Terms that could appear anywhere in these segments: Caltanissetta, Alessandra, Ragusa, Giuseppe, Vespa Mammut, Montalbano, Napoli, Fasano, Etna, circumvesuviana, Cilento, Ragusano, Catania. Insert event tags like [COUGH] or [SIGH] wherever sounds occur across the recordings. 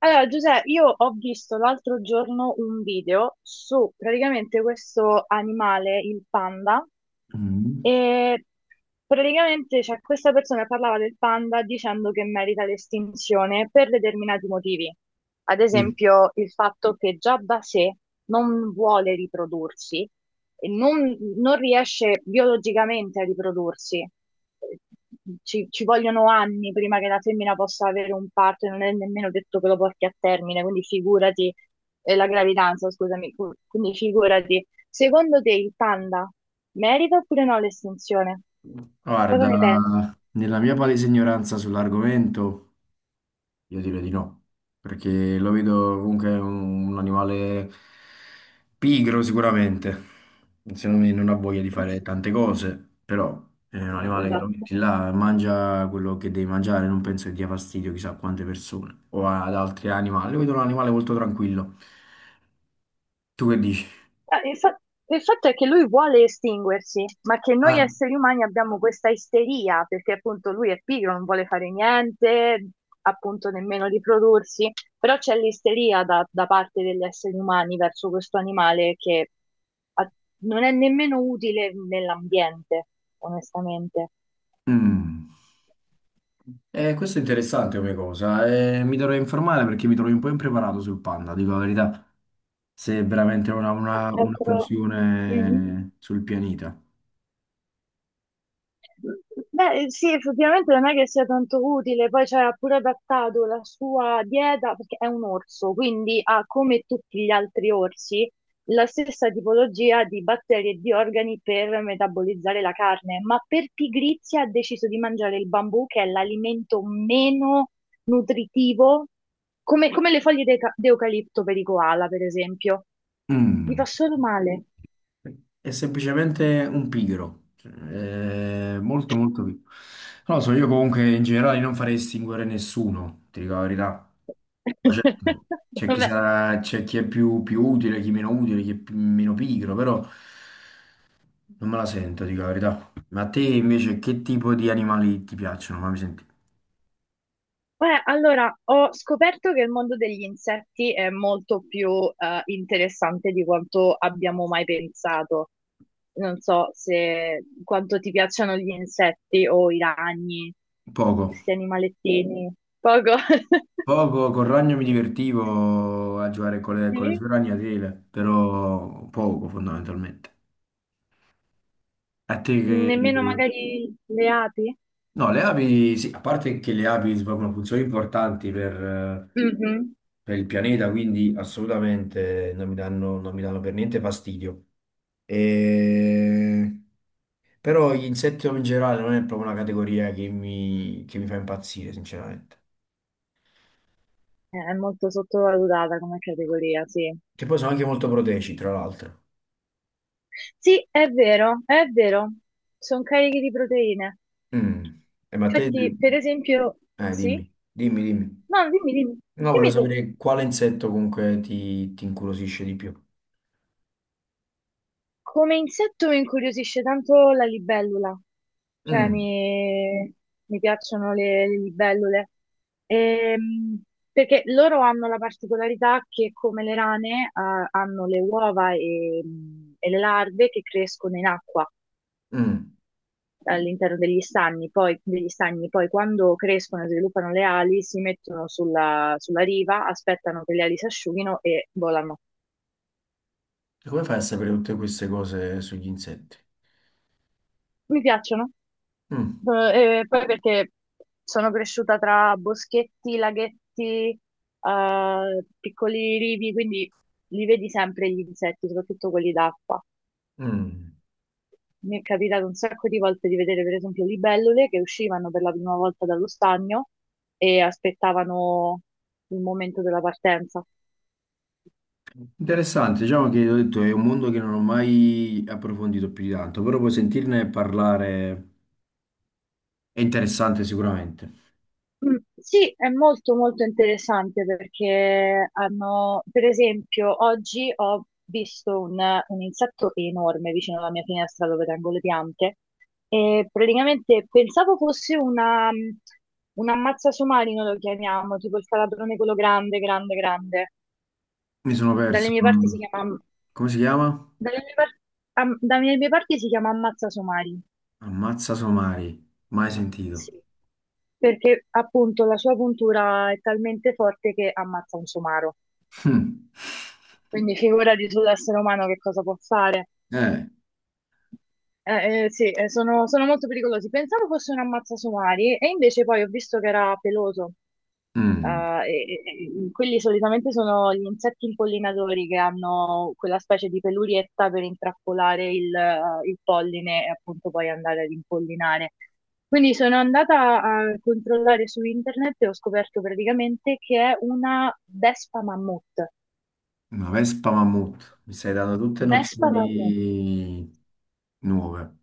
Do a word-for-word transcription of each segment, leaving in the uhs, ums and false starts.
Allora, Giuseppe, io ho visto l'altro giorno un video su praticamente questo animale, il panda, Mm. e praticamente cioè, questa persona che parlava del panda dicendo che merita l'estinzione per determinati motivi. Ad Sì. esempio, il fatto che già da sé non vuole riprodursi e non, non riesce biologicamente a riprodursi, ci, ci vogliono anni prima che la femmina possa avere un parto e non è nemmeno detto che lo porti a termine, quindi figurati, eh, la gravidanza, scusami, cu- quindi figurati. Secondo te il panda merita oppure no l'estinzione? Cosa Guarda, ne pensi? nella mia palese ignoranza sull'argomento, io direi di no, perché lo vedo comunque un, un animale pigro sicuramente, secondo me non ha voglia di fare [LAUGHS] tante cose, però è un animale che lo Esatto. metti là, mangia quello che devi mangiare, non penso che dia fastidio chissà a quante persone o ad altri animali, lo vedo un animale molto tranquillo. Tu che dici? Eh, Il fa- il fatto è che lui vuole estinguersi, ma che noi Ah, esseri umani abbiamo questa isteria, perché appunto lui è pigro, non vuole fare niente, appunto nemmeno riprodursi, però c'è l'isteria da, da parte degli esseri umani verso questo animale che a- non è nemmeno utile nell'ambiente, onestamente. mm. Eh, questo è interessante come cosa. eh, mi dovrei informare perché mi trovo un po' impreparato sul panda, dico la verità, se è veramente una, una- Qualche una altro... Mhm. funzione sul pianeta. Beh, sì, effettivamente non è che sia tanto utile, poi ci ha pure adattato la sua dieta, perché è un orso, quindi ha come tutti gli altri orsi la stessa tipologia di batteri e di organi per metabolizzare la carne, ma per pigrizia ha deciso di mangiare il bambù, che è l'alimento meno nutritivo, come, come le foglie de- d'eucalipto per i koala, per esempio. Mi Mm, fa solo male. È semplicemente un pigro, cioè, è molto molto pigro. Non lo so, io comunque in generale non farei estinguere nessuno, ti dico la verità. Poi certo, [LAUGHS] c'è chi Vabbè. sarà, c'è chi è più, più utile, chi meno utile, chi è più- meno pigro, però. Non me la sento, dico la verità. Ma a te invece che tipo di animali ti piacciono? Fammi sentire. Beh, allora, ho scoperto che il mondo degli insetti è molto più eh, interessante di quanto abbiamo mai pensato. Non so se quanto ti piacciono gli insetti o i ragni, Poco. questi animalettini. Poco. [LAUGHS] Poco, col ragno mi divertivo a giocare con le, con le Sì? sue ragnatele, però poco fondamentalmente. A te che. Nemmeno magari le api? No, le api, sì, a parte che le api svolgono funzioni importanti per, eh, Mhm. per il pianeta, quindi assolutamente non mi danno, non mi danno per niente fastidio. E. Però gli insetti in generale non è proprio una categoria che mi, che mi fa impazzire, sinceramente. È molto sottovalutata come categoria, sì. Che poi sono anche molto proteici, tra l'altro. Sì, è vero, è vero. Sono carichi di proteine. Mm. Eh, ma te. Infatti, per esempio, Eh, sì? dimmi, dimmi, dimmi. No, dimmi, dimmi, No, volevo dimmi tu, sapere quale insetto comunque ti, ti incuriosisce di più. come insetto mi incuriosisce tanto la libellula, cioè Mm, mi, mi piacciono le, le libellule. Ehm, Perché loro hanno la particolarità che come le rane ah, hanno le uova e, e le larve che crescono in acqua mm. all'interno degli stagni, poi, degli stagni, poi quando crescono e sviluppano le ali si mettono sulla, sulla riva, aspettano che le ali si asciughino e volano. E come fai a sapere tutte queste cose sugli insetti? Mi piacciono. Mm, Eh, e poi perché sono cresciuta tra boschetti, laghetti, eh, piccoli rivi, quindi li vedi sempre gli insetti, soprattutto quelli d'acqua. mm. Mi è capitato un sacco di volte di vedere, per esempio, libellule che uscivano per la prima volta dallo stagno e aspettavano il momento della partenza. Interessante, diciamo che ho detto, è un mondo che non ho mai approfondito più di tanto, però poi sentirne parlare è interessante sicuramente. Mm, sì, è molto molto interessante perché hanno, per esempio, oggi ho visto un, un insetto enorme vicino alla mia finestra dove tengo le piante e praticamente pensavo fosse una, un ammazza somarino, lo chiamiamo, tipo il calabrone quello grande, grande, grande. Mi sono Dalle perso. mie parti si chiama, Come si chiama? dalle mie par- am- Dalle mie parti si chiama ammazza somari, Ammazza somari, mai sentito. sì, perché appunto la sua puntura è talmente forte che ammazza un somaro. [LAUGHS] Hmm. Quindi figurati sull'essere umano che cosa può fare. Eh, Eh, eh, sì, eh, sono, sono molto pericolosi. Pensavo fosse un ammazzasomari e invece poi ho visto che era peloso. Eh, mm, e- e- e quelli solitamente sono gli insetti impollinatori che hanno quella specie di pelurietta per intrappolare il, eh, il polline e appunto poi andare ad impollinare. Quindi sono andata a controllare su internet e ho scoperto praticamente che è una vespa mammut. una Vespa Mammut, mi stai dando tutte Vespa mammut. nozioni nuove.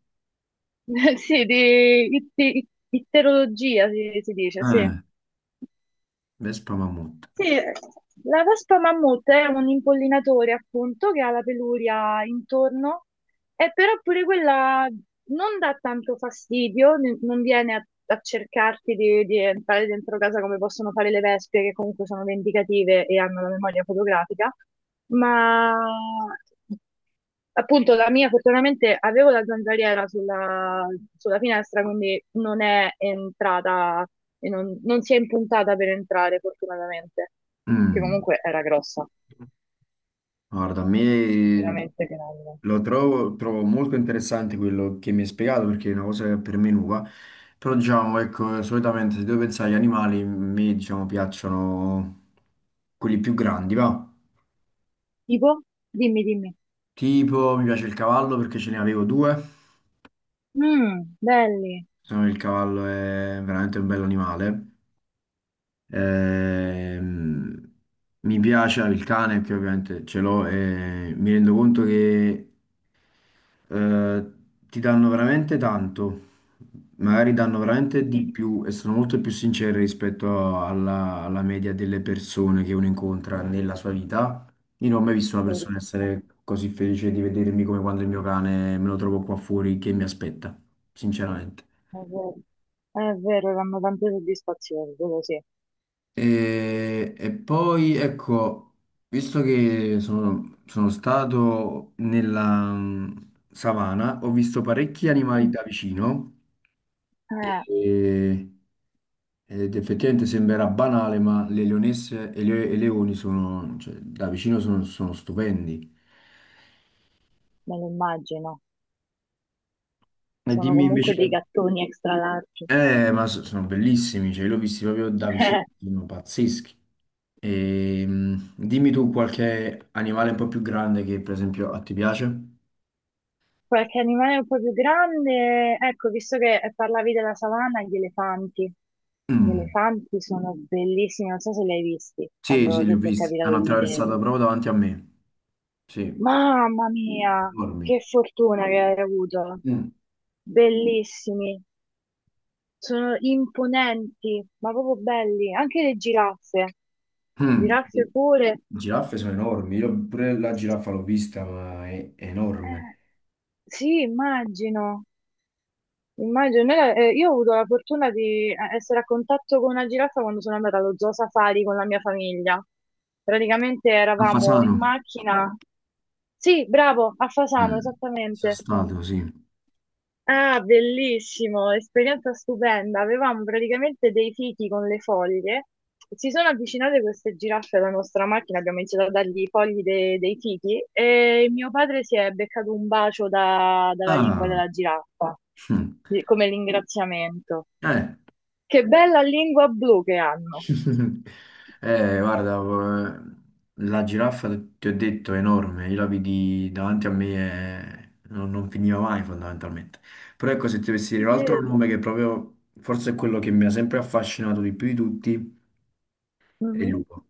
[LAUGHS] Sì, di itti- itterologia si, si dice, sì. Ah, Vespa Mammut. Sì, la vespa mammut è un impollinatore appunto che ha la peluria intorno eh, però pure quella non dà tanto fastidio, ne- non viene a, a cercarti di, di entrare dentro casa come possono fare le vespe, che comunque sono vendicative e hanno la memoria fotografica, ma appunto la mia fortunatamente avevo la zanzariera sulla, sulla finestra, quindi non è entrata e non, non si è impuntata per entrare fortunatamente, che Mm, comunque era grossa, Guarda, a me veramente grande. lo trovo, trovo molto interessante quello che mi hai spiegato perché è una cosa che per me è nuova, però diciamo, ecco, solitamente se devo pensare agli animali, a me diciamo piacciono quelli più grandi, va. Tipo? Dimmi, dimmi. Tipo, mi piace il cavallo perché ce ne avevo due. Mm, belli. Secondo me il cavallo è veramente un bell'animale. Ehm, mi piace il cane che ovviamente ce l'ho e mi rendo conto che eh, ti danno veramente tanto, magari danno veramente di Mm, più e sono molto più sinceri rispetto alla, alla media delle persone che uno incontra nella sua vita. Io non ho mai visto una persona bellissimo. essere così felice di vedermi come quando il mio cane me lo trovo qua fuori che mi aspetta, sinceramente. È vero, è vero, danno tante soddisfazioni, quello sì. E, e poi ecco, visto che sono, sono stato nella mm, savana, ho visto parecchi animali Mm. da vicino Eh, e- ed effettivamente sembrerà banale, ma le leonesse e le- e i leoni sono, cioè, da vicino sono, sono stupendi. me lo immagino. E Sono dimmi comunque dei invece, gattoni extra larghi. eh, ma so- sono bellissimi, cioè, li ho visti proprio da [LAUGHS] vicino, Eh, sono pazzeschi. E, mm, dimmi tu qualche animale un po' più grande che per esempio a ti piace? qualche animale un po' più grande, ecco, visto che parlavi della savana, gli elefanti. Gli Mm, elefanti sono bellissimi, non so se li hai visti sì, quando sì, li ho se ti è visti. capitato Hanno di attraversato vederli. proprio davanti a me. Sì, Mamma mia, enormi. che fortuna che hai avuto! Mm, Bellissimi. Sono imponenti, ma proprio belli. Anche le giraffe, mm. giraffe Le pure. giraffe sono enormi. Io pure la giraffa l'ho vista, ma è enorme. Eh, sì, immagino. Immagino. Noi la- eh, io ho avuto la fortuna di eh, essere a contatto con una giraffa quando sono andata allo zoo safari con la mia famiglia. Praticamente A eravamo Fasano? in macchina. Sì, bravo, a Fasano, Eh, sono esattamente. stato, sì. Ah, bellissimo, esperienza stupenda. Avevamo praticamente dei fichi con le foglie. Si sono avvicinate queste giraffe alla nostra macchina, abbiamo iniziato a dargli i fogli de- dei fichi e mio padre si è beccato un bacio da- dalla lingua Ah, della giraffa, mm. di- come ringraziamento. Eh, Che bella lingua blu che hanno. [LAUGHS] Eh, guarda, eh, la giraffa, ti ho detto, è enorme. Io la vidi davanti a me e non, non finiva mai, fondamentalmente. Però ecco, se ti dovessi Ti dire un altro credo. nome che proprio, forse è quello che mi ha sempre affascinato di più di tutti, è il Mhm. lupo.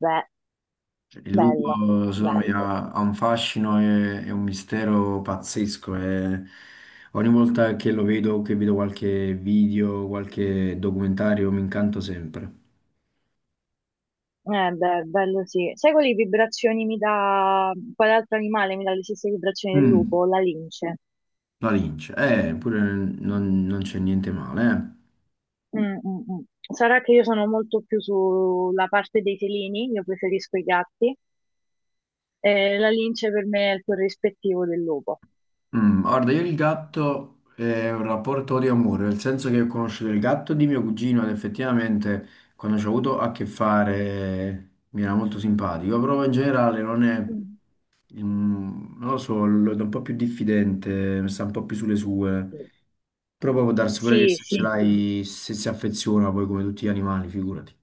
Beh, Cioè, il bello, lupo, secondo me, bello. ha, ha un fascino e, e un mistero pazzesco. E ogni volta che lo vedo, che vedo qualche video, qualche documentario, mi incanto sempre. Eh beh, bello sì. Sai quali vibrazioni mi dà, quale altro animale mi dà le stesse vibrazioni del Mm. lupo? La lince. La lince, eh, pure non, non c'è niente male. Mm, mm, mm. Sarà che io sono molto più sulla parte dei felini, io preferisco i gatti. Eh, la lince per me è il corrispettivo del lupo. eh. Mm, guarda, io il gatto è un rapporto di amore, nel senso che ho conosciuto il gatto di mio cugino ed effettivamente quando ci ho avuto a che fare mi era molto simpatico, però in generale non è, Mm. mm, non lo so, lo vedo un po' più diffidente, sta un po' più sulle sue, però poi può darsi pure che Sì, se ce sì, sì. l'hai, se si affeziona poi come tutti gli animali, figurati.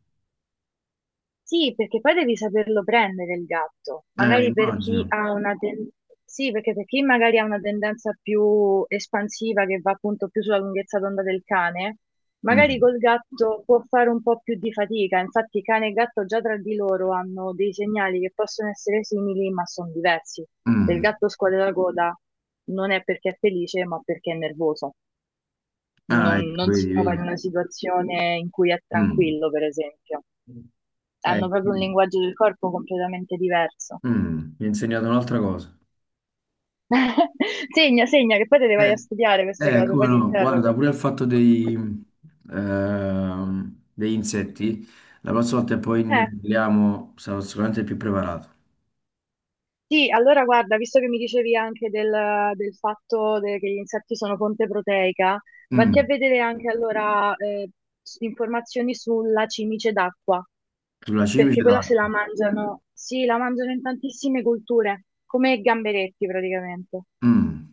Sì, perché poi devi saperlo prendere il gatto. Eh, Magari per chi immagino. ha una ten- Sì, perché per chi magari ha una tendenza più espansiva che va appunto più sulla lunghezza d'onda del cane, magari Mm, col gatto può fare un po' più di fatica. Infatti, cane e gatto già tra di loro hanno dei segnali che possono essere simili, ma sono diversi. Se il mm. gatto scuote la coda non è perché è felice, ma perché è nervoso. Ah, non ecco, non si vedi, trova in vedi. una situazione in cui è Mm. tranquillo, per esempio Eh, hanno proprio un sì. linguaggio del corpo completamente diverso. Mm, mi ha insegnato un'altra cosa. [LAUGHS] Segna, segna, che poi te le vai a Eh, studiare queste eh, cose, come poi ti no? Guarda, interrogo. pure il fatto dei, ehm, degli insetti, la prossima volta che poi ne Eh, parliamo sarò sicuramente più preparato. sì, allora guarda, visto che mi dicevi anche del, del fatto de- che gli insetti sono fonte proteica, vatti a Mm, vedere anche allora eh, s- informazioni sulla cimice d'acqua, sulla perché cimice quella se la d'acqua. mangiano, sì, la mangiano in tantissime culture, come i gamberetti praticamente. Mm.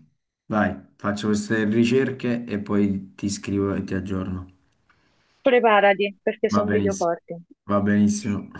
Vai, faccio queste ricerche e poi ti scrivo e ti aggiorno. Preparati, perché Va sono video benissimo. forti. Va benissimo.